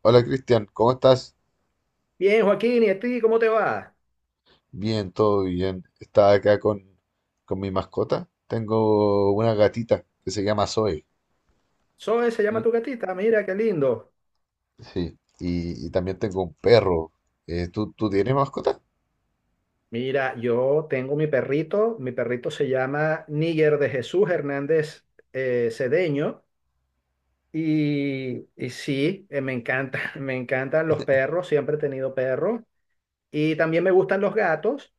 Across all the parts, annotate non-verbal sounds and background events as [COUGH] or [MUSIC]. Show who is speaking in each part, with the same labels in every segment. Speaker 1: Hola Cristian, ¿cómo estás?
Speaker 2: Bien, Joaquín, ¿y a ti cómo te va?
Speaker 1: Bien, todo bien. Estaba acá con mi mascota. Tengo una gatita que se llama Zoe,
Speaker 2: Zoe se llama
Speaker 1: ¿sí?
Speaker 2: tu gatita, mira qué lindo.
Speaker 1: Sí. Y también tengo un perro. ¿Tú tienes mascota?
Speaker 2: Mira, yo tengo mi perrito se llama Níger de Jesús Hernández, Cedeño. Y sí, me encanta, [LAUGHS] me encantan los perros, siempre he tenido perros, y también me gustan los gatos,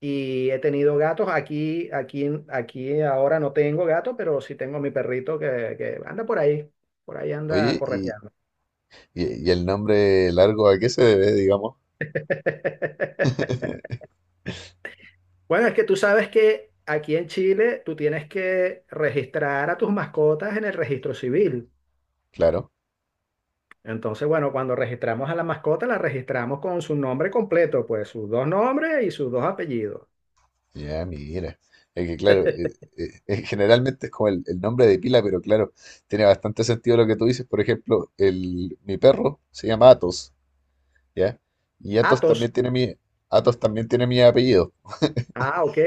Speaker 2: y he tenido gatos aquí. Ahora no tengo gato, pero sí tengo mi perrito que anda por ahí anda
Speaker 1: Oye, y,
Speaker 2: correteando.
Speaker 1: y- y el nombre largo a qué se debe, digamos?
Speaker 2: [LAUGHS]
Speaker 1: [LAUGHS]
Speaker 2: Bueno, es que tú sabes que aquí en Chile tú tienes que registrar a tus mascotas en el registro civil.
Speaker 1: Claro.
Speaker 2: Entonces, bueno, cuando registramos a la mascota, la registramos con su nombre completo, pues sus dos nombres y sus dos apellidos.
Speaker 1: Ya, mira. Es que claro, generalmente es como el nombre de pila, pero claro, tiene bastante sentido lo que tú dices. Por ejemplo, mi perro se llama Atos. ¿Ya? Y Athos
Speaker 2: Atos.
Speaker 1: también tiene mi, Athos también tiene mi apellido.
Speaker 2: Ah, ok.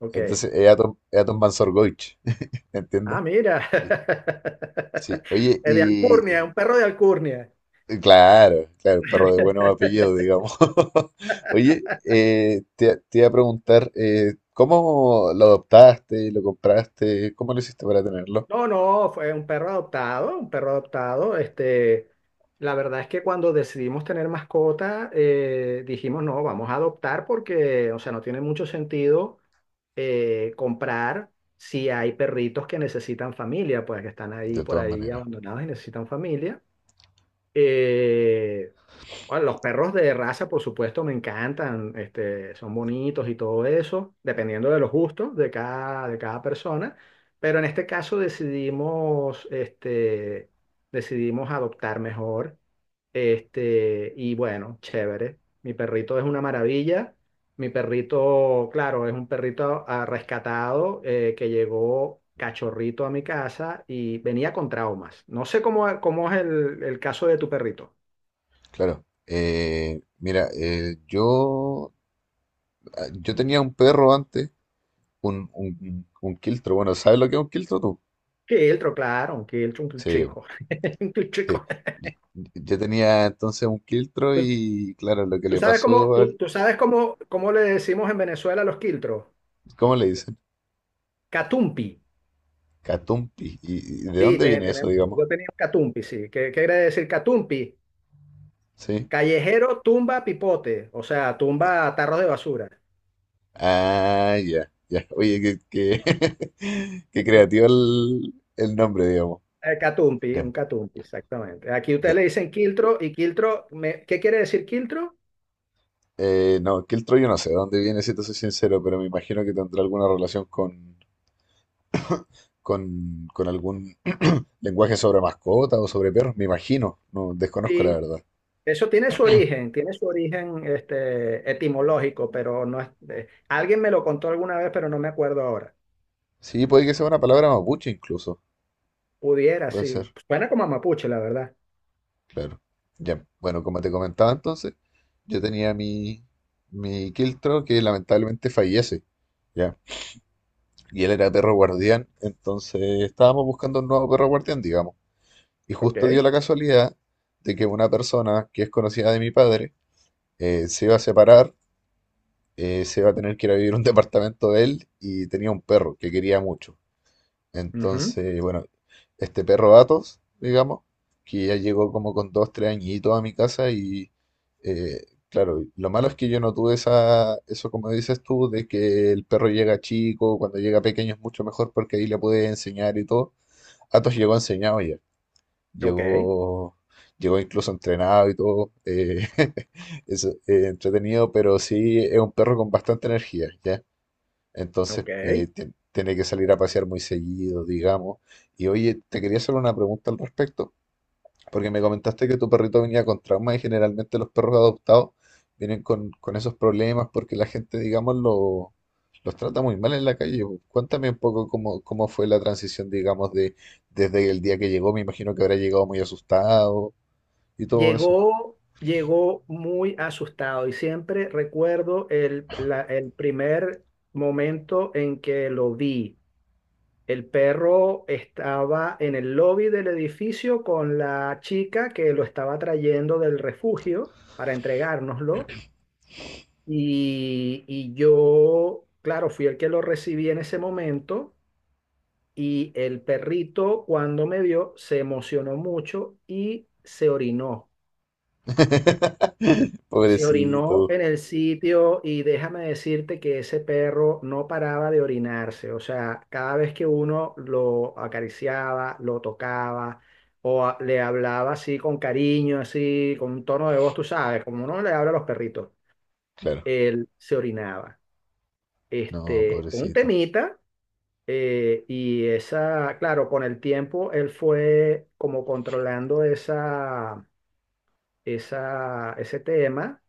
Speaker 2: Ok.
Speaker 1: Entonces es Athos Mansorgoich. [LAUGHS] ¿me ¿entiendes?
Speaker 2: Ah, mira.
Speaker 1: Sí,
Speaker 2: [LAUGHS]
Speaker 1: sí. Oye,
Speaker 2: Es de alcurnia, un perro de alcurnia.
Speaker 1: claro, claro, perro de buenos apellidos, digamos. [LAUGHS] Oye, te iba a preguntar, ¿cómo lo adoptaste, lo compraste? ¿Cómo lo hiciste para tenerlo?
Speaker 2: No, no, fue un perro adoptado, un perro adoptado. Este, la verdad es que cuando decidimos tener mascota, dijimos, no, vamos a adoptar porque, o sea, no tiene mucho sentido comprar si hay perritos que necesitan familia, pues que están ahí
Speaker 1: De
Speaker 2: por
Speaker 1: todas
Speaker 2: ahí
Speaker 1: maneras,
Speaker 2: abandonados y necesitan familia. Eh, bueno, los perros de raza, por supuesto, me encantan, este, son bonitos y todo eso, dependiendo de los gustos de cada persona, pero en este caso decidimos, este, decidimos adoptar mejor. Este, y bueno, chévere. Mi perrito es una maravilla. Mi perrito, claro, es un perrito ah, rescatado, que llegó cachorrito a mi casa y venía con traumas. No sé cómo, cómo es el caso de tu perrito.
Speaker 1: claro. Mira, yo tenía un perro antes, un quiltro. Bueno, ¿sabes lo que es un quiltro tú?
Speaker 2: Quiltro, claro, un quiltro, un
Speaker 1: Sí,
Speaker 2: chico. [LAUGHS] Un
Speaker 1: sí.
Speaker 2: chico.
Speaker 1: Yo, yo tenía entonces un quiltro
Speaker 2: ¿Tú,
Speaker 1: y claro, lo que
Speaker 2: tú
Speaker 1: le
Speaker 2: sabes cómo,
Speaker 1: pasó
Speaker 2: tú,
Speaker 1: al.
Speaker 2: tú sabes cómo, cómo le decimos en Venezuela a los quiltros?
Speaker 1: ¿Cómo le dicen?
Speaker 2: Catumpi.
Speaker 1: Catumpi. ¿Y de
Speaker 2: Sí,
Speaker 1: dónde viene eso, digamos?
Speaker 2: yo tenía un catumpi, sí. ¿Qué, qué quiere decir catumpi?
Speaker 1: Sí.
Speaker 2: Callejero tumba pipote, o sea, tumba tarros de basura.
Speaker 1: Ah, ya, ya. Oye, [LAUGHS] qué creativo el nombre, digamos.
Speaker 2: Catumpi, un
Speaker 1: Ya,
Speaker 2: catumpi, exactamente. Aquí ustedes
Speaker 1: ya.
Speaker 2: le dicen quiltro y quiltro, ¿qué quiere decir quiltro?
Speaker 1: No, quiltro yo no sé de dónde viene, si te soy sincero, pero me imagino que tendrá alguna relación con algún [CLEARS THROAT] lenguaje sobre mascotas o sobre perros, me imagino. No, desconozco la
Speaker 2: Sí,
Speaker 1: verdad.
Speaker 2: eso tiene su origen este, etimológico, pero no es... alguien me lo contó alguna vez, pero no me acuerdo ahora.
Speaker 1: Sí, puede que sea una palabra mapuche incluso.
Speaker 2: Pudiera,
Speaker 1: Puede
Speaker 2: sí.
Speaker 1: ser,
Speaker 2: Suena como a mapuche, la verdad.
Speaker 1: claro. Ya, bueno, como te comentaba entonces, yo tenía mi Kiltro que lamentablemente fallece, ya. Y él era perro guardián, entonces estábamos buscando un nuevo perro guardián, digamos. Y
Speaker 2: Ok,
Speaker 1: justo dio la casualidad de que una persona que es conocida de mi padre, se iba a separar, se iba a tener que ir a vivir a un [LAUGHS] departamento de él y tenía un perro que quería mucho.
Speaker 2: ujú,
Speaker 1: Entonces, bueno, este perro Atos, digamos, que ya llegó como con 2, 3 añitos a mi casa y, eh, claro, lo malo es que yo no tuve eso, como dices tú, de que el perro llega chico, cuando llega pequeño es mucho mejor porque ahí le puedes enseñar y todo. Atos llegó enseñado ya,
Speaker 2: ok,
Speaker 1: llegó, llegó incluso entrenado y todo. [LAUGHS] Es, eh, Entretenido, pero sí es un perro con bastante energía, ¿ya? Entonces,
Speaker 2: ok.
Speaker 1: tiene que salir a pasear muy seguido, digamos. Y oye, te quería hacer una pregunta al respecto, porque me comentaste que tu perrito venía con trauma y generalmente los perros adoptados vienen con esos problemas porque la gente, digamos, los trata muy mal en la calle. Cuéntame un poco cómo fue la transición, digamos, desde el día que llegó. Me imagino que habrá llegado muy asustado y todo eso.
Speaker 2: Llegó, llegó muy asustado y siempre recuerdo el primer momento en que lo vi. El perro estaba en el lobby del edificio con la chica que lo estaba trayendo del refugio para entregárnoslo, y yo, claro, fui el que lo recibí en ese momento, y el perrito cuando me vio se emocionó mucho y se orinó.
Speaker 1: [LAUGHS]
Speaker 2: Se
Speaker 1: Pobrecito.
Speaker 2: orinó en el sitio y déjame decirte que ese perro no paraba de orinarse. O sea, cada vez que uno lo acariciaba, lo tocaba o le hablaba así con cariño, así con un tono de voz, tú sabes, como uno le habla a los perritos,
Speaker 1: Claro,
Speaker 2: él se orinaba.
Speaker 1: no,
Speaker 2: Este, un
Speaker 1: pobrecito.
Speaker 2: temita, y esa, claro, con el tiempo él fue como controlando ese tema,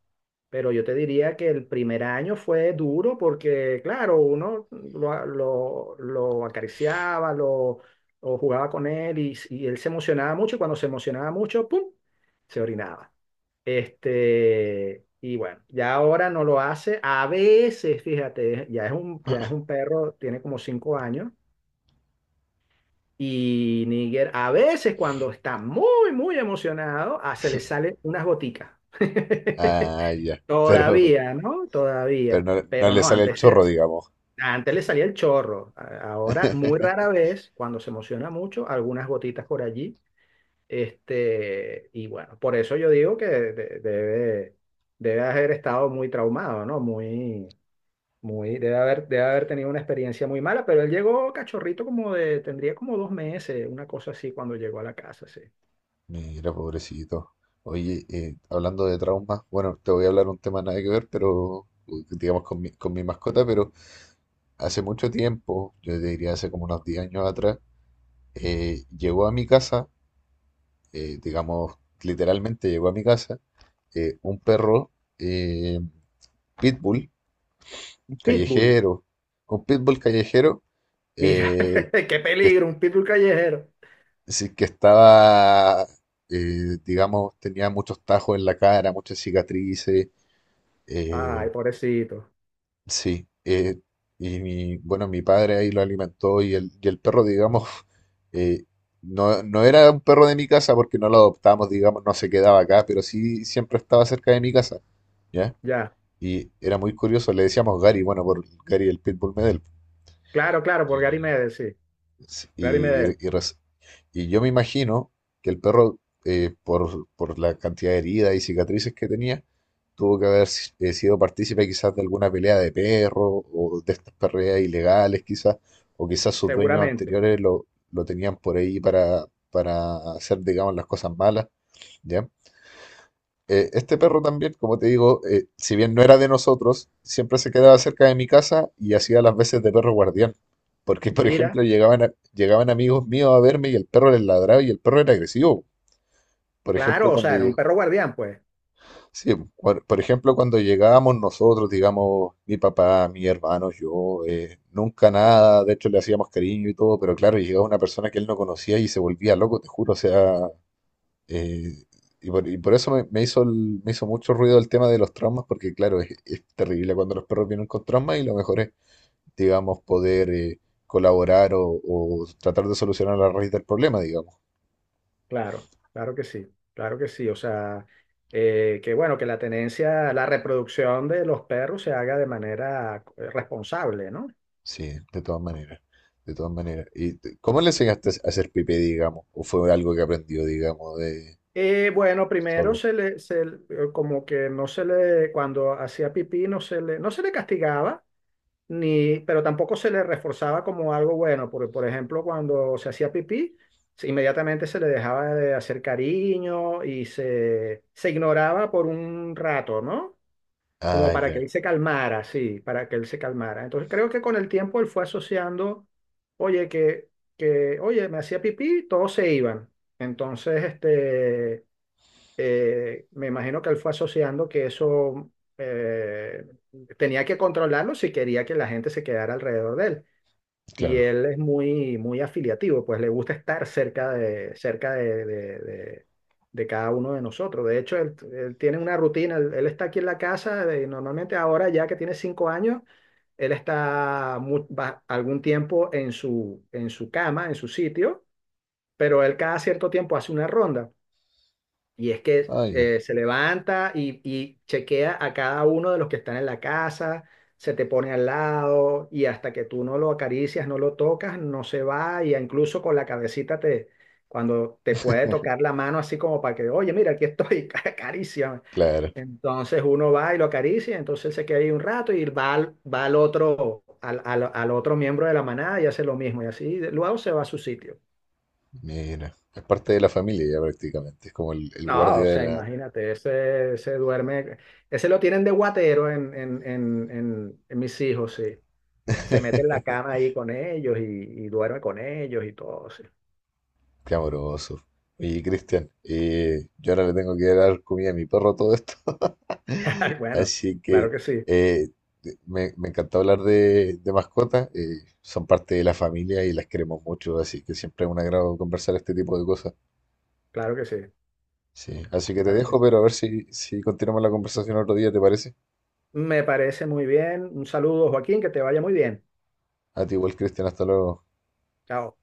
Speaker 2: pero yo te diría que el primer año fue duro porque, claro, uno lo acariciaba, lo, o jugaba con él, y él se emocionaba mucho, y cuando se emocionaba mucho, ¡pum!, se orinaba. Este, y bueno, ya ahora no lo hace. A veces, fíjate, ya es un perro, tiene como cinco años. Y Níger, a veces cuando está muy, muy emocionado, ah, se le salen unas goticas. [LAUGHS]
Speaker 1: Ah, ya. Pero...
Speaker 2: Todavía, ¿no?
Speaker 1: pero
Speaker 2: Todavía.
Speaker 1: no, no
Speaker 2: Pero
Speaker 1: le
Speaker 2: no,
Speaker 1: sale el
Speaker 2: antes,
Speaker 1: chorro, digamos.
Speaker 2: Antes le salía el chorro. Ahora, muy rara
Speaker 1: [LAUGHS]
Speaker 2: vez, cuando se emociona mucho, algunas gotitas por allí. Este, y bueno, por eso yo digo que debe, debe haber estado muy traumado, ¿no? Muy, muy, debe haber tenido una experiencia muy mala, pero él llegó cachorrito como de, tendría como dos meses, una cosa así, cuando llegó a la casa, sí.
Speaker 1: Mira, pobrecito. Oye, hablando de traumas, bueno, te voy a hablar un tema nada que ver, pero digamos con mi mascota, pero hace mucho tiempo, yo te diría hace como unos 10 años atrás, llegó a mi casa, digamos, literalmente llegó a mi casa, un perro, eh, pitbull
Speaker 2: Un pitbull,
Speaker 1: callejero, un pitbull callejero,
Speaker 2: mira,
Speaker 1: eh,
Speaker 2: [LAUGHS] qué
Speaker 1: que,
Speaker 2: peligro, un pitbull callejero.
Speaker 1: es decir, que estaba, digamos, tenía muchos tajos en la cara, muchas cicatrices. eh,
Speaker 2: Ay, pobrecito.
Speaker 1: sí. Y bueno, mi padre ahí lo alimentó. Y el perro, digamos, [LAUGHS] eh, no, no era un perro de mi casa porque no lo adoptamos, digamos, no se quedaba acá, pero sí siempre estaba cerca de mi casa, ¿ya?
Speaker 2: Ya.
Speaker 1: Y era muy curioso, le decíamos Gary, bueno, por Gary el Pitbull Medel.
Speaker 2: Claro, claro, por Gary Medel, sí.
Speaker 1: Sí.
Speaker 2: Gary
Speaker 1: Y,
Speaker 2: Medel,
Speaker 1: y res- y yo me imagino que el perro, por la cantidad de heridas y cicatrices que tenía, tuvo que haber sido partícipe quizás de alguna pelea de perro o de estas perreras ilegales quizás, o quizás sus dueños
Speaker 2: seguramente.
Speaker 1: anteriores lo tenían por ahí para hacer, digamos, las cosas malas, ¿ya? Este perro también, como te digo, si bien no era de nosotros, siempre se quedaba cerca de mi casa y hacía las veces de perro guardián. Porque, por
Speaker 2: Mira,
Speaker 1: ejemplo, llegaban amigos míos a verme y el perro les ladraba y el perro era agresivo. Por ejemplo,
Speaker 2: claro, o
Speaker 1: cuando
Speaker 2: sea, era un
Speaker 1: lleg-
Speaker 2: perro guardián, pues.
Speaker 1: Sí, por ejemplo, cuando llegábamos nosotros, digamos, mi papá, mi hermano, yo, nunca nada, de hecho le hacíamos cariño y todo, pero claro, llegaba una persona que él no conocía y se volvía loco, te juro, o sea. Eh, y, por, y por eso me hizo mucho ruido el tema de los traumas, porque claro, es terrible cuando los perros vienen con traumas, y lo mejor es, digamos, poder colaborar o tratar de solucionar la raíz del problema, digamos.
Speaker 2: Claro, claro que sí, claro que sí. O sea, que bueno, que la tenencia, la reproducción de los perros se haga de manera, responsable, ¿no?
Speaker 1: Sí, de todas maneras, de todas maneras. Cómo le enseñaste a hacer pipí, digamos? ¿O fue algo que aprendió, digamos, de
Speaker 2: Bueno, primero
Speaker 1: solo?
Speaker 2: como que no se le, cuando hacía pipí, no se le, no se le castigaba. Ni, pero tampoco se le reforzaba como algo bueno, porque por ejemplo cuando se hacía pipí, inmediatamente se le dejaba de hacer cariño y se ignoraba por un rato, ¿no? Como
Speaker 1: Ah,
Speaker 2: para que
Speaker 1: ya,
Speaker 2: él se calmara, sí, para que él se calmara. Entonces creo que con el tiempo él fue asociando, oye, que oye, me hacía pipí, todos se iban. Entonces, este, me imagino que él fue asociando que eso, eh, tenía que controlarlo si quería que la gente se quedara alrededor de él. Y
Speaker 1: claro.
Speaker 2: él es muy, muy afiliativo, pues le gusta estar cerca de, de cada uno de nosotros. De hecho, él tiene una rutina, él está aquí en la casa y normalmente ahora ya que tiene cinco años, él está algún tiempo en su cama, en su sitio, pero él cada cierto tiempo hace una ronda. Y es que
Speaker 1: Ah, ya,
Speaker 2: se levanta y chequea a cada uno de los que están en la casa, se te pone al lado y hasta que tú no lo acaricias, no lo tocas, no se va, y incluso con la cabecita te, cuando te puede
Speaker 1: [LAUGHS]
Speaker 2: tocar la mano así como para que, oye, mira, aquí estoy, [LAUGHS] acaríciame.
Speaker 1: claro.
Speaker 2: Entonces uno va y lo acaricia, entonces se queda ahí un rato y va al otro, al otro miembro de la manada, y hace lo mismo, y así luego se va a su sitio.
Speaker 1: Mira, es parte de la familia ya prácticamente, es como el
Speaker 2: No, o
Speaker 1: guardia de
Speaker 2: sea,
Speaker 1: la.
Speaker 2: imagínate, ese duerme, ese lo tienen de guatero en mis hijos, sí. Se mete en la
Speaker 1: [LAUGHS]
Speaker 2: cama ahí con ellos y duerme con ellos y todo, sí.
Speaker 1: Qué amoroso. Y, Cristian, yo ahora le tengo que dar comida a mi perro, todo esto. [LAUGHS]
Speaker 2: [LAUGHS] Bueno,
Speaker 1: Así
Speaker 2: claro
Speaker 1: que
Speaker 2: que sí,
Speaker 1: eh, me encantó hablar de mascotas. Son parte de la familia y las queremos mucho, así que siempre es un agrado conversar este tipo de cosas.
Speaker 2: claro que sí,
Speaker 1: Sí, así que te
Speaker 2: claro que
Speaker 1: dejo,
Speaker 2: sí.
Speaker 1: pero a ver si continuamos la conversación otro día, ¿te parece?
Speaker 2: Me parece muy bien. Un saludo, Joaquín, que te vaya muy bien.
Speaker 1: A ti igual, Cristian, hasta luego.
Speaker 2: Chao.